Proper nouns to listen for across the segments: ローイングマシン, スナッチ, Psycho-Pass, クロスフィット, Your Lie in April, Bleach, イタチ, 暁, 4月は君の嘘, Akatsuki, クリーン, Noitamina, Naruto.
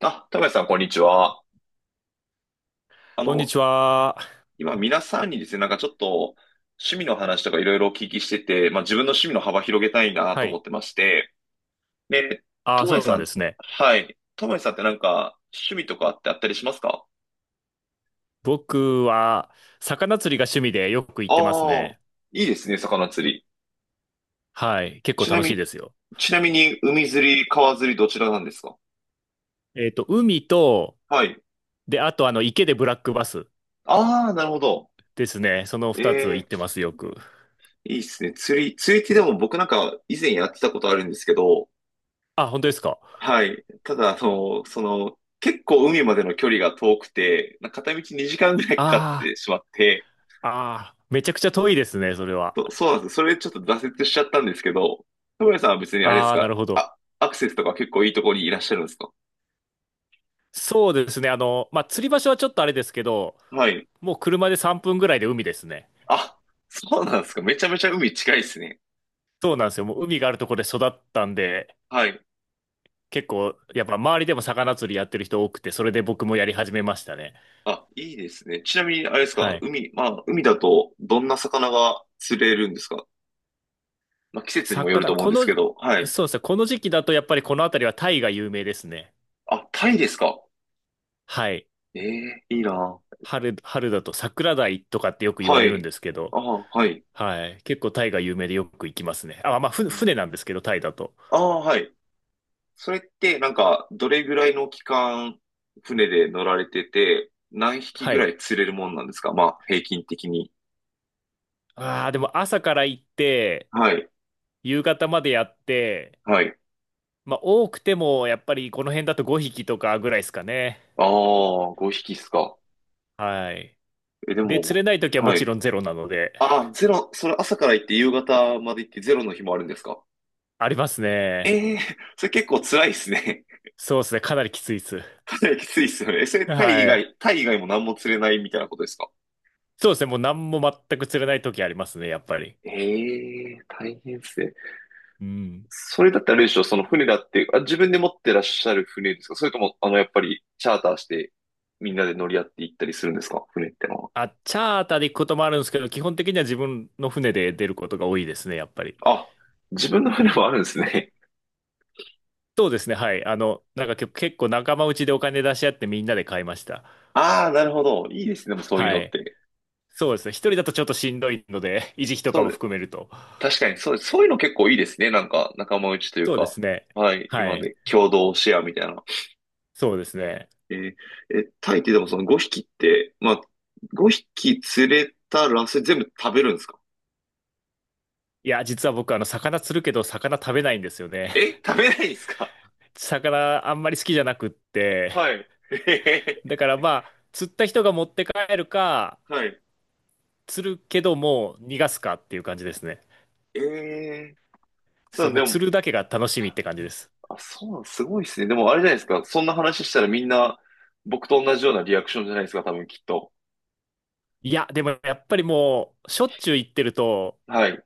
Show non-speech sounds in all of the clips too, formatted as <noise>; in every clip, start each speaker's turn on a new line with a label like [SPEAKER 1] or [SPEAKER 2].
[SPEAKER 1] あ、高橋さん、こんにちは。あ
[SPEAKER 2] こんに
[SPEAKER 1] の、
[SPEAKER 2] ちは。
[SPEAKER 1] 今、皆さんにですね、なんかちょっと、趣味の話とかいろいろお聞きしてて、まあ、自分の趣味の幅広げたいな
[SPEAKER 2] は
[SPEAKER 1] と思
[SPEAKER 2] い。
[SPEAKER 1] ってまして、で、
[SPEAKER 2] あ
[SPEAKER 1] と
[SPEAKER 2] あ、
[SPEAKER 1] もや
[SPEAKER 2] そう
[SPEAKER 1] さ
[SPEAKER 2] なん
[SPEAKER 1] ん、
[SPEAKER 2] ですね。
[SPEAKER 1] はい。ともやさんってなんか、趣味とかってあったりしますか？
[SPEAKER 2] 僕は、魚釣りが趣味でよく行
[SPEAKER 1] あ
[SPEAKER 2] ってます
[SPEAKER 1] あー、
[SPEAKER 2] ね。
[SPEAKER 1] いいですね、魚釣り。
[SPEAKER 2] はい。結構
[SPEAKER 1] ちな
[SPEAKER 2] 楽しい
[SPEAKER 1] み、
[SPEAKER 2] ですよ。
[SPEAKER 1] ちなみに、海釣り、川釣り、どちらなんですか？
[SPEAKER 2] 海と、
[SPEAKER 1] はい。
[SPEAKER 2] で、あと、池でブラックバス
[SPEAKER 1] ああ、なるほど。
[SPEAKER 2] ですね。その二つ行
[SPEAKER 1] え
[SPEAKER 2] って
[SPEAKER 1] え、
[SPEAKER 2] ます、よく。
[SPEAKER 1] いいですね。釣りってでも僕なんか以前やってたことあるんですけど、
[SPEAKER 2] あ、本当ですか。
[SPEAKER 1] はい。ただ、結構海までの距離が遠くて、片道2時間ぐらいかかっ
[SPEAKER 2] あ
[SPEAKER 1] てしまって、
[SPEAKER 2] あ、ああ、めちゃくちゃ遠いですね、それは。
[SPEAKER 1] そうなんです。それちょっと挫折しちゃったんですけど、田村さんは別にあれです
[SPEAKER 2] ああ、な
[SPEAKER 1] か、
[SPEAKER 2] るほど。
[SPEAKER 1] アクセスとか結構いいところにいらっしゃるんですか？
[SPEAKER 2] そうですね。釣り場所はちょっとあれですけど、
[SPEAKER 1] はい。
[SPEAKER 2] もう車で3分ぐらいで海ですね。
[SPEAKER 1] あ、そうなんですか。めちゃめちゃ海近いですね。
[SPEAKER 2] そうなんですよ。もう海があるところで育ったんで、
[SPEAKER 1] はい。
[SPEAKER 2] 結構、やっぱ周りでも魚釣りやってる人多くて、それで僕もやり始めましたね。
[SPEAKER 1] あ、いいですね。ちなみに、あれですか、
[SPEAKER 2] はい。
[SPEAKER 1] 海、まあ、海だとどんな魚が釣れるんですか？まあ、季節にもよると
[SPEAKER 2] 魚、
[SPEAKER 1] 思うん
[SPEAKER 2] こ
[SPEAKER 1] ですけ
[SPEAKER 2] の、
[SPEAKER 1] ど、はい。
[SPEAKER 2] そうですね、この時期だとやっぱりこの辺りはタイが有名ですね。
[SPEAKER 1] あ、タイですか。
[SPEAKER 2] はい。
[SPEAKER 1] ええ、いいな。
[SPEAKER 2] 春だと桜鯛とかってよく言わ
[SPEAKER 1] は
[SPEAKER 2] れるん
[SPEAKER 1] い。
[SPEAKER 2] ですけど、
[SPEAKER 1] ああ、はい。
[SPEAKER 2] はい。結構タイが有名でよく行きますね。あ、まあ、ふ
[SPEAKER 1] うん。
[SPEAKER 2] 船なんですけど、タイだと。
[SPEAKER 1] ああ、はい。それって、なんか、どれぐらいの期間、船で乗られてて、何匹
[SPEAKER 2] は
[SPEAKER 1] ぐら
[SPEAKER 2] い。
[SPEAKER 1] い釣れるもんなんですか？まあ、平均的に。
[SPEAKER 2] ああ、でも朝から行って、
[SPEAKER 1] はい。
[SPEAKER 2] 夕方までやって、
[SPEAKER 1] はい。
[SPEAKER 2] まあ、多くても、やっぱりこの辺だと5匹とかぐらいですかね。
[SPEAKER 1] ああ、5匹っすか。
[SPEAKER 2] はい。
[SPEAKER 1] え、で
[SPEAKER 2] で、釣
[SPEAKER 1] も、
[SPEAKER 2] れない時はも
[SPEAKER 1] は
[SPEAKER 2] ち
[SPEAKER 1] い。
[SPEAKER 2] ろんゼロなので、
[SPEAKER 1] ああ、ゼロ、それ朝から行って夕方まで行ってゼロの日もあるんですか？
[SPEAKER 2] ありますね。
[SPEAKER 1] ええー、それ結構辛いですね。<laughs>
[SPEAKER 2] そうですね。かなりきついです。
[SPEAKER 1] かなりきついっすよね。それ
[SPEAKER 2] は
[SPEAKER 1] タイ以
[SPEAKER 2] い。
[SPEAKER 1] 外、タイ以外も何も釣れないみたいなことですか？
[SPEAKER 2] そうですね。もう何も全く釣れない時ありますね、やっぱり。
[SPEAKER 1] ええー、大変っすね。
[SPEAKER 2] うん。
[SPEAKER 1] それだったらあれでしょ、その船だって、あ、自分で持ってらっしゃる船ですか？それとも、やっぱり、チャーターして、みんなで乗り合って行ったりするんですか？船ってのは。
[SPEAKER 2] あ、チャーターで行くこともあるんですけど、基本的には自分の船で出ることが多いですね、やっぱり。
[SPEAKER 1] あ、自分の船もあるんですね。
[SPEAKER 2] そうですね。はい。なんか結構仲間内でお金出し合ってみんなで買いました。
[SPEAKER 1] <laughs> ああ、なるほど。いいですね、でもそういう
[SPEAKER 2] は
[SPEAKER 1] のっ
[SPEAKER 2] い。
[SPEAKER 1] て。
[SPEAKER 2] そうですね。一人だとちょっとしんどいので、<laughs> 維持費とか
[SPEAKER 1] そ
[SPEAKER 2] も
[SPEAKER 1] うで、
[SPEAKER 2] 含めると。
[SPEAKER 1] 確かに、そういうの結構いいですね。なんか、仲間内という
[SPEAKER 2] そうで
[SPEAKER 1] か。
[SPEAKER 2] すね。
[SPEAKER 1] はい、
[SPEAKER 2] は
[SPEAKER 1] 今
[SPEAKER 2] い。
[SPEAKER 1] ね、共同シェアみたいな。
[SPEAKER 2] そうですね。
[SPEAKER 1] えーえ、タイってでもその5匹って、まあ、5匹釣れたら、それ全部食べるんですか？
[SPEAKER 2] いや、実は僕、魚釣るけど、魚食べないんですよね。
[SPEAKER 1] え、食べないんですか？
[SPEAKER 2] 魚あんまり好きじゃなくって、
[SPEAKER 1] はい。<laughs>
[SPEAKER 2] だからまあ、釣った人が持って帰るか、
[SPEAKER 1] はい。
[SPEAKER 2] 釣るけどもう逃がすかっていう感じですね。
[SPEAKER 1] ええ、そ
[SPEAKER 2] そう、
[SPEAKER 1] う、
[SPEAKER 2] も
[SPEAKER 1] で
[SPEAKER 2] う
[SPEAKER 1] も、
[SPEAKER 2] 釣るだけが楽しみって感じです。
[SPEAKER 1] あ、そうなん、すごいですね。でもあれじゃないですか。そんな話したらみんな僕と同じようなリアクションじゃないですか、多分きっと。
[SPEAKER 2] いや、でもやっぱりもう、しょっちゅう行ってると
[SPEAKER 1] はい。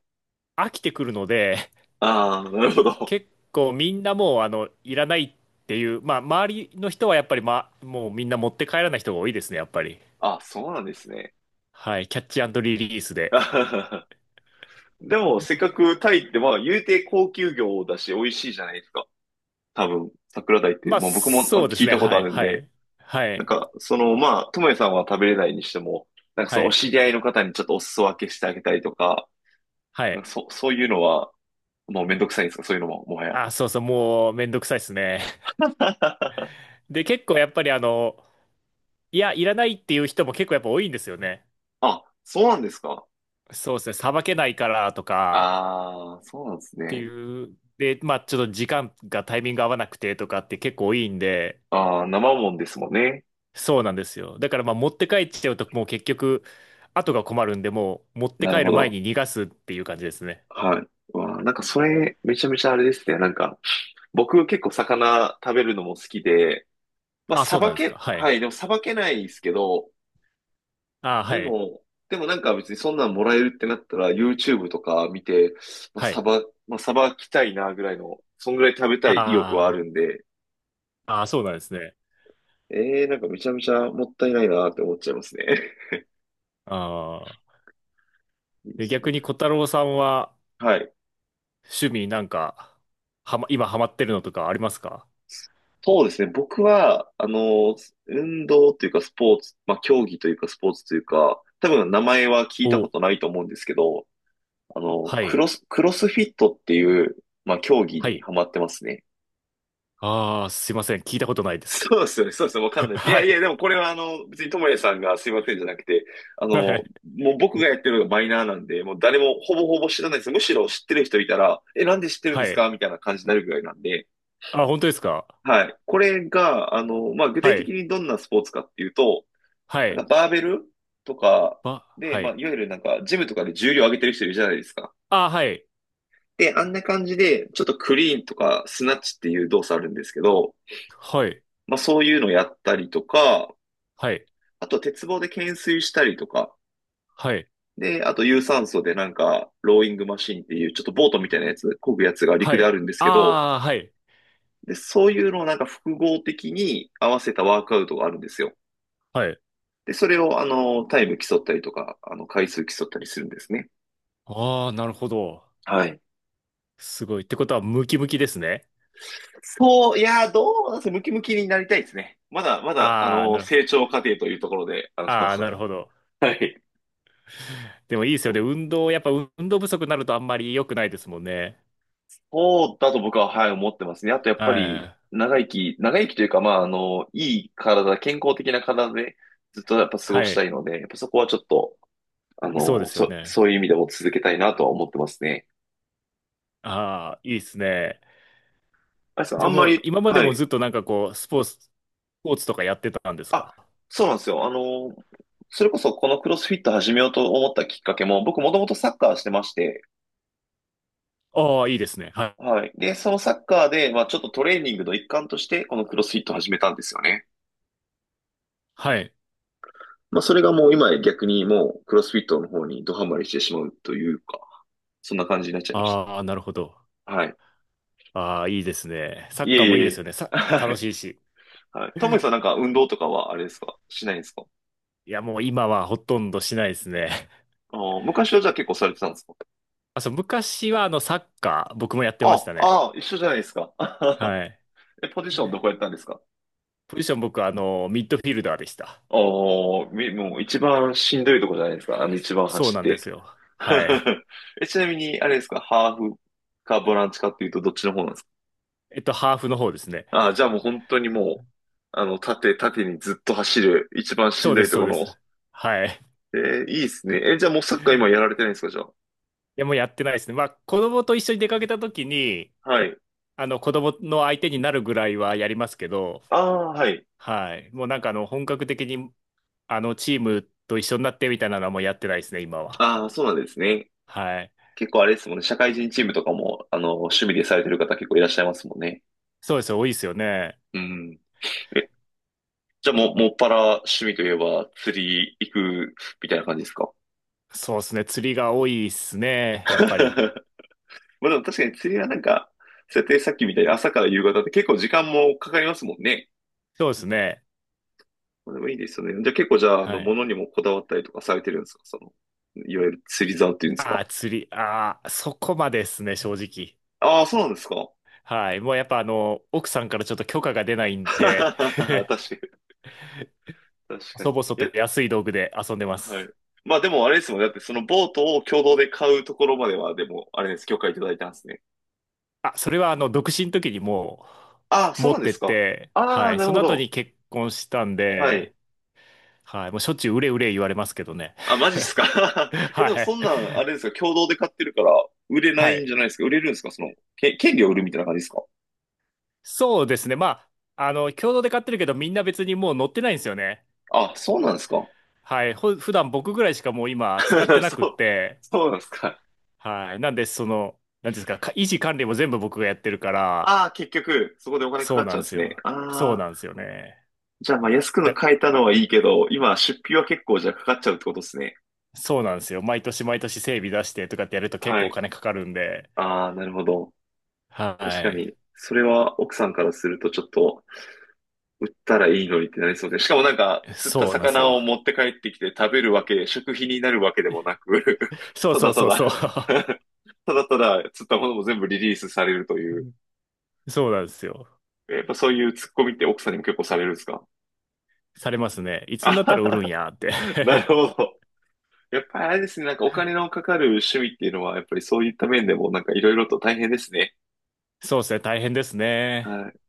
[SPEAKER 2] 飽きてくるので、
[SPEAKER 1] ああ、なるほど。
[SPEAKER 2] 結構みんなもう、いらないっていう、まあ、周りの人はやっぱり、まあ、もうみんな持って帰らない人が多いですね、やっぱり。
[SPEAKER 1] あ、そうなんですね。
[SPEAKER 2] はい、キャッチリリース
[SPEAKER 1] <laughs>
[SPEAKER 2] で。
[SPEAKER 1] あはは。でも、せっかくタイって、まあ、言うて高級魚だし、美味しいじゃないですか。多分、桜鯛って、
[SPEAKER 2] まあ、
[SPEAKER 1] まあ僕も
[SPEAKER 2] そうで
[SPEAKER 1] 聞
[SPEAKER 2] す
[SPEAKER 1] い
[SPEAKER 2] ね、
[SPEAKER 1] たこと
[SPEAKER 2] は
[SPEAKER 1] あ
[SPEAKER 2] い、
[SPEAKER 1] るん
[SPEAKER 2] は
[SPEAKER 1] で、
[SPEAKER 2] い、は
[SPEAKER 1] なん
[SPEAKER 2] い、
[SPEAKER 1] か、まあ、ともえさんは食べれないにしても、なんか
[SPEAKER 2] は
[SPEAKER 1] そのお
[SPEAKER 2] い、
[SPEAKER 1] 知り合いの方にちょっとお裾分けしてあげたりとか、
[SPEAKER 2] は
[SPEAKER 1] なん
[SPEAKER 2] い。
[SPEAKER 1] かそういうのは、もうめんどくさいんですか、そういうのも、もはや。
[SPEAKER 2] あ、そうそう、もうめんどくさいですね。で、結構やっぱりあの、いや、いらないっていう人も結構やっぱ多いんですよね。
[SPEAKER 1] あ、そうなんですか。
[SPEAKER 2] そうですね、さばけないからとか
[SPEAKER 1] ああ、そうなんです
[SPEAKER 2] って
[SPEAKER 1] ね。
[SPEAKER 2] いう、で、まあちょっと時間がタイミング合わなくてとかって結構多いんで、
[SPEAKER 1] ああ、生もんですもんね。
[SPEAKER 2] そうなんですよ。だからまあ持って帰っちゃうともう結局、後が困るんで、もう持って
[SPEAKER 1] なる
[SPEAKER 2] 帰
[SPEAKER 1] ほ
[SPEAKER 2] る前
[SPEAKER 1] ど。
[SPEAKER 2] に逃がすっていう感じですね。
[SPEAKER 1] はい。わあ、なんかそれ、めちゃめちゃあれですね。なんか、僕結構魚食べるのも好きで、まあ、
[SPEAKER 2] あ、
[SPEAKER 1] さ
[SPEAKER 2] そうな
[SPEAKER 1] ば
[SPEAKER 2] んですか。
[SPEAKER 1] け、
[SPEAKER 2] はい。
[SPEAKER 1] はい、でもさばけないですけど、
[SPEAKER 2] あ、は
[SPEAKER 1] で
[SPEAKER 2] い。
[SPEAKER 1] も、なんか別にそんなんもらえるってなったら、YouTube とか見て、まあ、
[SPEAKER 2] はい。
[SPEAKER 1] さばきたいなぐらいの、そんぐらい食べたい意欲はあ
[SPEAKER 2] あ
[SPEAKER 1] るんで、
[SPEAKER 2] あ、あ、そうなんですね。
[SPEAKER 1] ええー、なんかめちゃめちゃもったいないなって思っちゃいますね。
[SPEAKER 2] ああ。
[SPEAKER 1] <laughs> いいで
[SPEAKER 2] で、
[SPEAKER 1] す
[SPEAKER 2] 逆
[SPEAKER 1] ね。
[SPEAKER 2] に小太郎さんは、
[SPEAKER 1] はい。
[SPEAKER 2] 趣味なんか、今ハマってるのとかありますか？
[SPEAKER 1] そうですね。僕は、運動というかスポーツ、まあ、競技というかスポーツというか、多分名前は聞いたこ
[SPEAKER 2] お、
[SPEAKER 1] とないと思うんですけど、
[SPEAKER 2] はい、
[SPEAKER 1] クロスフィットっていう、まあ、競技
[SPEAKER 2] は
[SPEAKER 1] に
[SPEAKER 2] い。
[SPEAKER 1] ハマってますね。
[SPEAKER 2] ああ、すいません。聞いたことないです。
[SPEAKER 1] そうですよね。そうですよね。わかん
[SPEAKER 2] <laughs>
[SPEAKER 1] ないです。い
[SPEAKER 2] は
[SPEAKER 1] やいや、
[SPEAKER 2] い、
[SPEAKER 1] でもこれは別にともやさんがすいませんじゃなくて、
[SPEAKER 2] は
[SPEAKER 1] も
[SPEAKER 2] い、
[SPEAKER 1] う僕がやってるのがマイナーなんで、もう誰もほぼほぼ知らないです。むしろ知ってる人いたら、え、なんで知ってるんで
[SPEAKER 2] は
[SPEAKER 1] す
[SPEAKER 2] い。
[SPEAKER 1] かみたいな感じになるぐらいなんで、
[SPEAKER 2] あ、本当ですか？
[SPEAKER 1] はい。これが、まあ、具
[SPEAKER 2] は
[SPEAKER 1] 体的
[SPEAKER 2] い、
[SPEAKER 1] にどんなスポーツかっていうと、
[SPEAKER 2] は
[SPEAKER 1] な
[SPEAKER 2] い、
[SPEAKER 1] んかバーベルとかで、
[SPEAKER 2] は
[SPEAKER 1] まあ、
[SPEAKER 2] い。
[SPEAKER 1] いわゆるなんか、ジムとかで重量上げてる人いるじゃないですか。
[SPEAKER 2] あ、はい、
[SPEAKER 1] で、あんな感じで、ちょっとクリーンとかスナッチっていう動作あるんですけど、
[SPEAKER 2] はい、
[SPEAKER 1] まあ、そういうのやったりとか、
[SPEAKER 2] はい、
[SPEAKER 1] あと鉄棒で懸垂したりとか、
[SPEAKER 2] はい、
[SPEAKER 1] で、あと有酸素でなんか、ローイングマシンっていう、ちょっとボートみたいなやつ、漕ぐやつが
[SPEAKER 2] は
[SPEAKER 1] 陸であ
[SPEAKER 2] い。
[SPEAKER 1] るんですけど、
[SPEAKER 2] ああ、はい、
[SPEAKER 1] で、そういうのをなんか複合的に合わせたワークアウトがあるんですよ。
[SPEAKER 2] はい。
[SPEAKER 1] で、それをタイム競ったりとか、回数競ったりするんですね。
[SPEAKER 2] ああ、なるほど。
[SPEAKER 1] はい。
[SPEAKER 2] すごい。ってことは、ムキムキですね。
[SPEAKER 1] そう、いやー、どうなんですかね？ムキムキになりたいですね。まだ、
[SPEAKER 2] ああ、なる、
[SPEAKER 1] 成長過程というところで、
[SPEAKER 2] ああ、
[SPEAKER 1] <laughs>
[SPEAKER 2] なるほど。
[SPEAKER 1] はい。
[SPEAKER 2] でもいいです
[SPEAKER 1] そ
[SPEAKER 2] よね。
[SPEAKER 1] う
[SPEAKER 2] 運動、やっぱ運動不足になるとあんまり良くないですもんね。
[SPEAKER 1] そうだと僕は、はい、思ってますね。あと、やっぱ
[SPEAKER 2] は
[SPEAKER 1] り、
[SPEAKER 2] い。
[SPEAKER 1] 長生きというか、まあ、いい体、健康的な体で、ずっとやっぱ過ご
[SPEAKER 2] は
[SPEAKER 1] した
[SPEAKER 2] い。
[SPEAKER 1] いので、やっぱそこはちょっと、
[SPEAKER 2] そうですよね。
[SPEAKER 1] そういう意味でも続けたいなとは思ってますね。
[SPEAKER 2] ああ、いいですね。
[SPEAKER 1] あれさん、
[SPEAKER 2] じ
[SPEAKER 1] あ
[SPEAKER 2] ゃあ
[SPEAKER 1] んま
[SPEAKER 2] もう
[SPEAKER 1] り、
[SPEAKER 2] 今まで
[SPEAKER 1] は
[SPEAKER 2] も
[SPEAKER 1] い。
[SPEAKER 2] ずっとなんかこう、スポーツとかやってたんです
[SPEAKER 1] あ、
[SPEAKER 2] か？
[SPEAKER 1] そうなんですよ。それこそこのクロスフィット始めようと思ったきっかけも、僕もともとサッカーしてまして、
[SPEAKER 2] ああ、いいですね。はい。
[SPEAKER 1] はい。で、そのサッカーで、まあ、ちょっとトレーニングの一環として、このクロスフィットを始めたんですよね。
[SPEAKER 2] はい。
[SPEAKER 1] まあ、それがもう今や逆にもう、クロスフィットの方にドハマりしてしまうというか、そんな感じになっちゃいました。
[SPEAKER 2] ああ、なるほど。
[SPEAKER 1] はい。
[SPEAKER 2] ああ、いいですね。サ
[SPEAKER 1] い
[SPEAKER 2] ッカ
[SPEAKER 1] え
[SPEAKER 2] ーも
[SPEAKER 1] い
[SPEAKER 2] いい
[SPEAKER 1] え
[SPEAKER 2] で
[SPEAKER 1] い
[SPEAKER 2] すよね。
[SPEAKER 1] え。<laughs> は
[SPEAKER 2] 楽
[SPEAKER 1] い。
[SPEAKER 2] しいし。
[SPEAKER 1] はい。トムさんなんか運動とかはあれですか？しないんですか？
[SPEAKER 2] いや、もう今はほとんどしないですね。
[SPEAKER 1] あー、昔はじゃあ結構されてたんですか？
[SPEAKER 2] あ、そう、昔はあのサッカー、僕もやってまし
[SPEAKER 1] あ、
[SPEAKER 2] たね。
[SPEAKER 1] あー、一緒じゃないですか。<laughs>
[SPEAKER 2] はい。
[SPEAKER 1] え、ポジションどこやったんですか？
[SPEAKER 2] ポジション僕はミッドフィルダーでした。
[SPEAKER 1] ああー、もう一番しんどいとこじゃないですか。あの一番
[SPEAKER 2] そう
[SPEAKER 1] 走っ
[SPEAKER 2] なんで
[SPEAKER 1] て。
[SPEAKER 2] すよ。は
[SPEAKER 1] <laughs>
[SPEAKER 2] い。
[SPEAKER 1] え、ちなみに、あれですか、ハーフかボランチかっていうとどっちの方なんですか？
[SPEAKER 2] ハーフの方ですね。
[SPEAKER 1] ああ、じゃあもう本当にもう、縦にずっと走る、一番しん
[SPEAKER 2] そう
[SPEAKER 1] ど
[SPEAKER 2] で
[SPEAKER 1] い
[SPEAKER 2] す、
[SPEAKER 1] と
[SPEAKER 2] そう
[SPEAKER 1] こ
[SPEAKER 2] で
[SPEAKER 1] ろの。
[SPEAKER 2] す。はい。
[SPEAKER 1] えー、いいっすね。え、じゃあもうサッカー今やられてないんですか、じゃあ。
[SPEAKER 2] や、もうやってないですね。まあ、子供と一緒に出かけた時に、
[SPEAKER 1] はい。
[SPEAKER 2] 子供の相手になるぐらいはやりますけど、
[SPEAKER 1] ああ、はい。
[SPEAKER 2] はい。もうなんかあの、本格的に、あの、チームと一緒になってみたいなのはもうやってないですね、今は。
[SPEAKER 1] ああ、そうなんですね。
[SPEAKER 2] はい。
[SPEAKER 1] 結構あれですもんね。社会人チームとかも、趣味でされてる方結構いらっしゃいますもんね。
[SPEAKER 2] そうですよ、多いですよね。
[SPEAKER 1] うん。え、じゃあもう、もっぱら趣味といえば釣り行くみたいな感じですか？
[SPEAKER 2] そうですね、釣りが多いですね、やっぱり。
[SPEAKER 1] <laughs> まあでも確かに釣りはなんか、設定さっきみたいに朝から夕方って結構時間もかかりますもんね。
[SPEAKER 2] そうですね。
[SPEAKER 1] まあ、でもいいですよね。じゃあ結構じゃあ、
[SPEAKER 2] はい。
[SPEAKER 1] 物にもこだわったりとかされてるんですか？その、いわゆる釣り竿っていうんですか？
[SPEAKER 2] ああ、そこまでですね、正直。
[SPEAKER 1] ああ、そうなんですか？
[SPEAKER 2] はい。もうやっぱあの、奥さんからちょっと許可が出ない
[SPEAKER 1] <laughs>
[SPEAKER 2] んで、
[SPEAKER 1] 確かに、
[SPEAKER 2] <laughs>
[SPEAKER 1] 確か
[SPEAKER 2] 細
[SPEAKER 1] に。い
[SPEAKER 2] 々と
[SPEAKER 1] や、
[SPEAKER 2] 安い道具で遊んでま
[SPEAKER 1] はい。
[SPEAKER 2] す。
[SPEAKER 1] まあでもあれですもんね。だってそのボートを共同で買うところまでは、でも、あれです。許可いただいたんですね。
[SPEAKER 2] あ、それは独身の時に
[SPEAKER 1] ああ、そう
[SPEAKER 2] 持
[SPEAKER 1] なん
[SPEAKER 2] っ
[SPEAKER 1] で
[SPEAKER 2] てっ
[SPEAKER 1] すか。
[SPEAKER 2] て、
[SPEAKER 1] あ
[SPEAKER 2] は
[SPEAKER 1] あ、
[SPEAKER 2] い。
[SPEAKER 1] なる
[SPEAKER 2] そ
[SPEAKER 1] ほ
[SPEAKER 2] の後
[SPEAKER 1] ど。
[SPEAKER 2] に結婚したん
[SPEAKER 1] はい。
[SPEAKER 2] で、はい。もうしょっちゅううれ言われますけどね。
[SPEAKER 1] あ、マジっすか？
[SPEAKER 2] <laughs>
[SPEAKER 1] <laughs> え、でも
[SPEAKER 2] は
[SPEAKER 1] そ
[SPEAKER 2] い。
[SPEAKER 1] んなん、あれですか、共同で買ってるから、売れな
[SPEAKER 2] は
[SPEAKER 1] いん
[SPEAKER 2] い。
[SPEAKER 1] じゃないですか？売れるんですか？権利を売るみたいな感じですか？
[SPEAKER 2] そうですね。共同で買ってるけど、みんな別にもう乗ってないんですよね。
[SPEAKER 1] あ、そうなんですか？
[SPEAKER 2] はい。普段僕ぐらいしかもう今使って
[SPEAKER 1] <laughs>
[SPEAKER 2] な
[SPEAKER 1] そ
[SPEAKER 2] くっ
[SPEAKER 1] う、
[SPEAKER 2] て、
[SPEAKER 1] そうなんですか。
[SPEAKER 2] はい。なんで、その、なんていうんですか、か維持管理も全部僕がやってるから、
[SPEAKER 1] ああ、結局、そこでお金かか
[SPEAKER 2] そう
[SPEAKER 1] っち
[SPEAKER 2] な
[SPEAKER 1] ゃ
[SPEAKER 2] ん
[SPEAKER 1] うん
[SPEAKER 2] で
[SPEAKER 1] で
[SPEAKER 2] す
[SPEAKER 1] すね。
[SPEAKER 2] よ。そ
[SPEAKER 1] あ
[SPEAKER 2] う
[SPEAKER 1] あ、
[SPEAKER 2] なんですよね。
[SPEAKER 1] じゃあ、まあ、安くの
[SPEAKER 2] だ
[SPEAKER 1] 買えたのはいいけど、今、出費は結構じゃあかかっちゃうってことですね。
[SPEAKER 2] そうなんですよ。毎年毎年整備出してとかってやると結
[SPEAKER 1] は
[SPEAKER 2] 構お
[SPEAKER 1] い。
[SPEAKER 2] 金かかるんで。
[SPEAKER 1] ああ、なるほど。
[SPEAKER 2] は
[SPEAKER 1] 確か
[SPEAKER 2] い。
[SPEAKER 1] に、それは奥さんからするとちょっと、売ったらいいのにってなりそうで。しかもなんか、釣った
[SPEAKER 2] そうなんです
[SPEAKER 1] 魚
[SPEAKER 2] よ。
[SPEAKER 1] を持って帰ってきて食べるわけ、食費になるわけでもなく、<laughs>
[SPEAKER 2] そう
[SPEAKER 1] た
[SPEAKER 2] そ
[SPEAKER 1] だ
[SPEAKER 2] う
[SPEAKER 1] た
[SPEAKER 2] そうそう。
[SPEAKER 1] だ
[SPEAKER 2] <laughs>
[SPEAKER 1] <laughs> ただただ釣ったものも全部リリースされるという。
[SPEAKER 2] そうなんですよ。
[SPEAKER 1] やっぱそういうツッコミって奥さんにも結構されるんですか？
[SPEAKER 2] されますね。いつ
[SPEAKER 1] あ
[SPEAKER 2] になった
[SPEAKER 1] はは
[SPEAKER 2] ら売るん
[SPEAKER 1] は
[SPEAKER 2] やって
[SPEAKER 1] <laughs> なるほど。やっぱりあれですね、なんかお金のかかる趣味っていうのは、やっぱりそういった面でもなんかいろいろと大変ですね。
[SPEAKER 2] <laughs> そうですね。大変ですね。
[SPEAKER 1] はい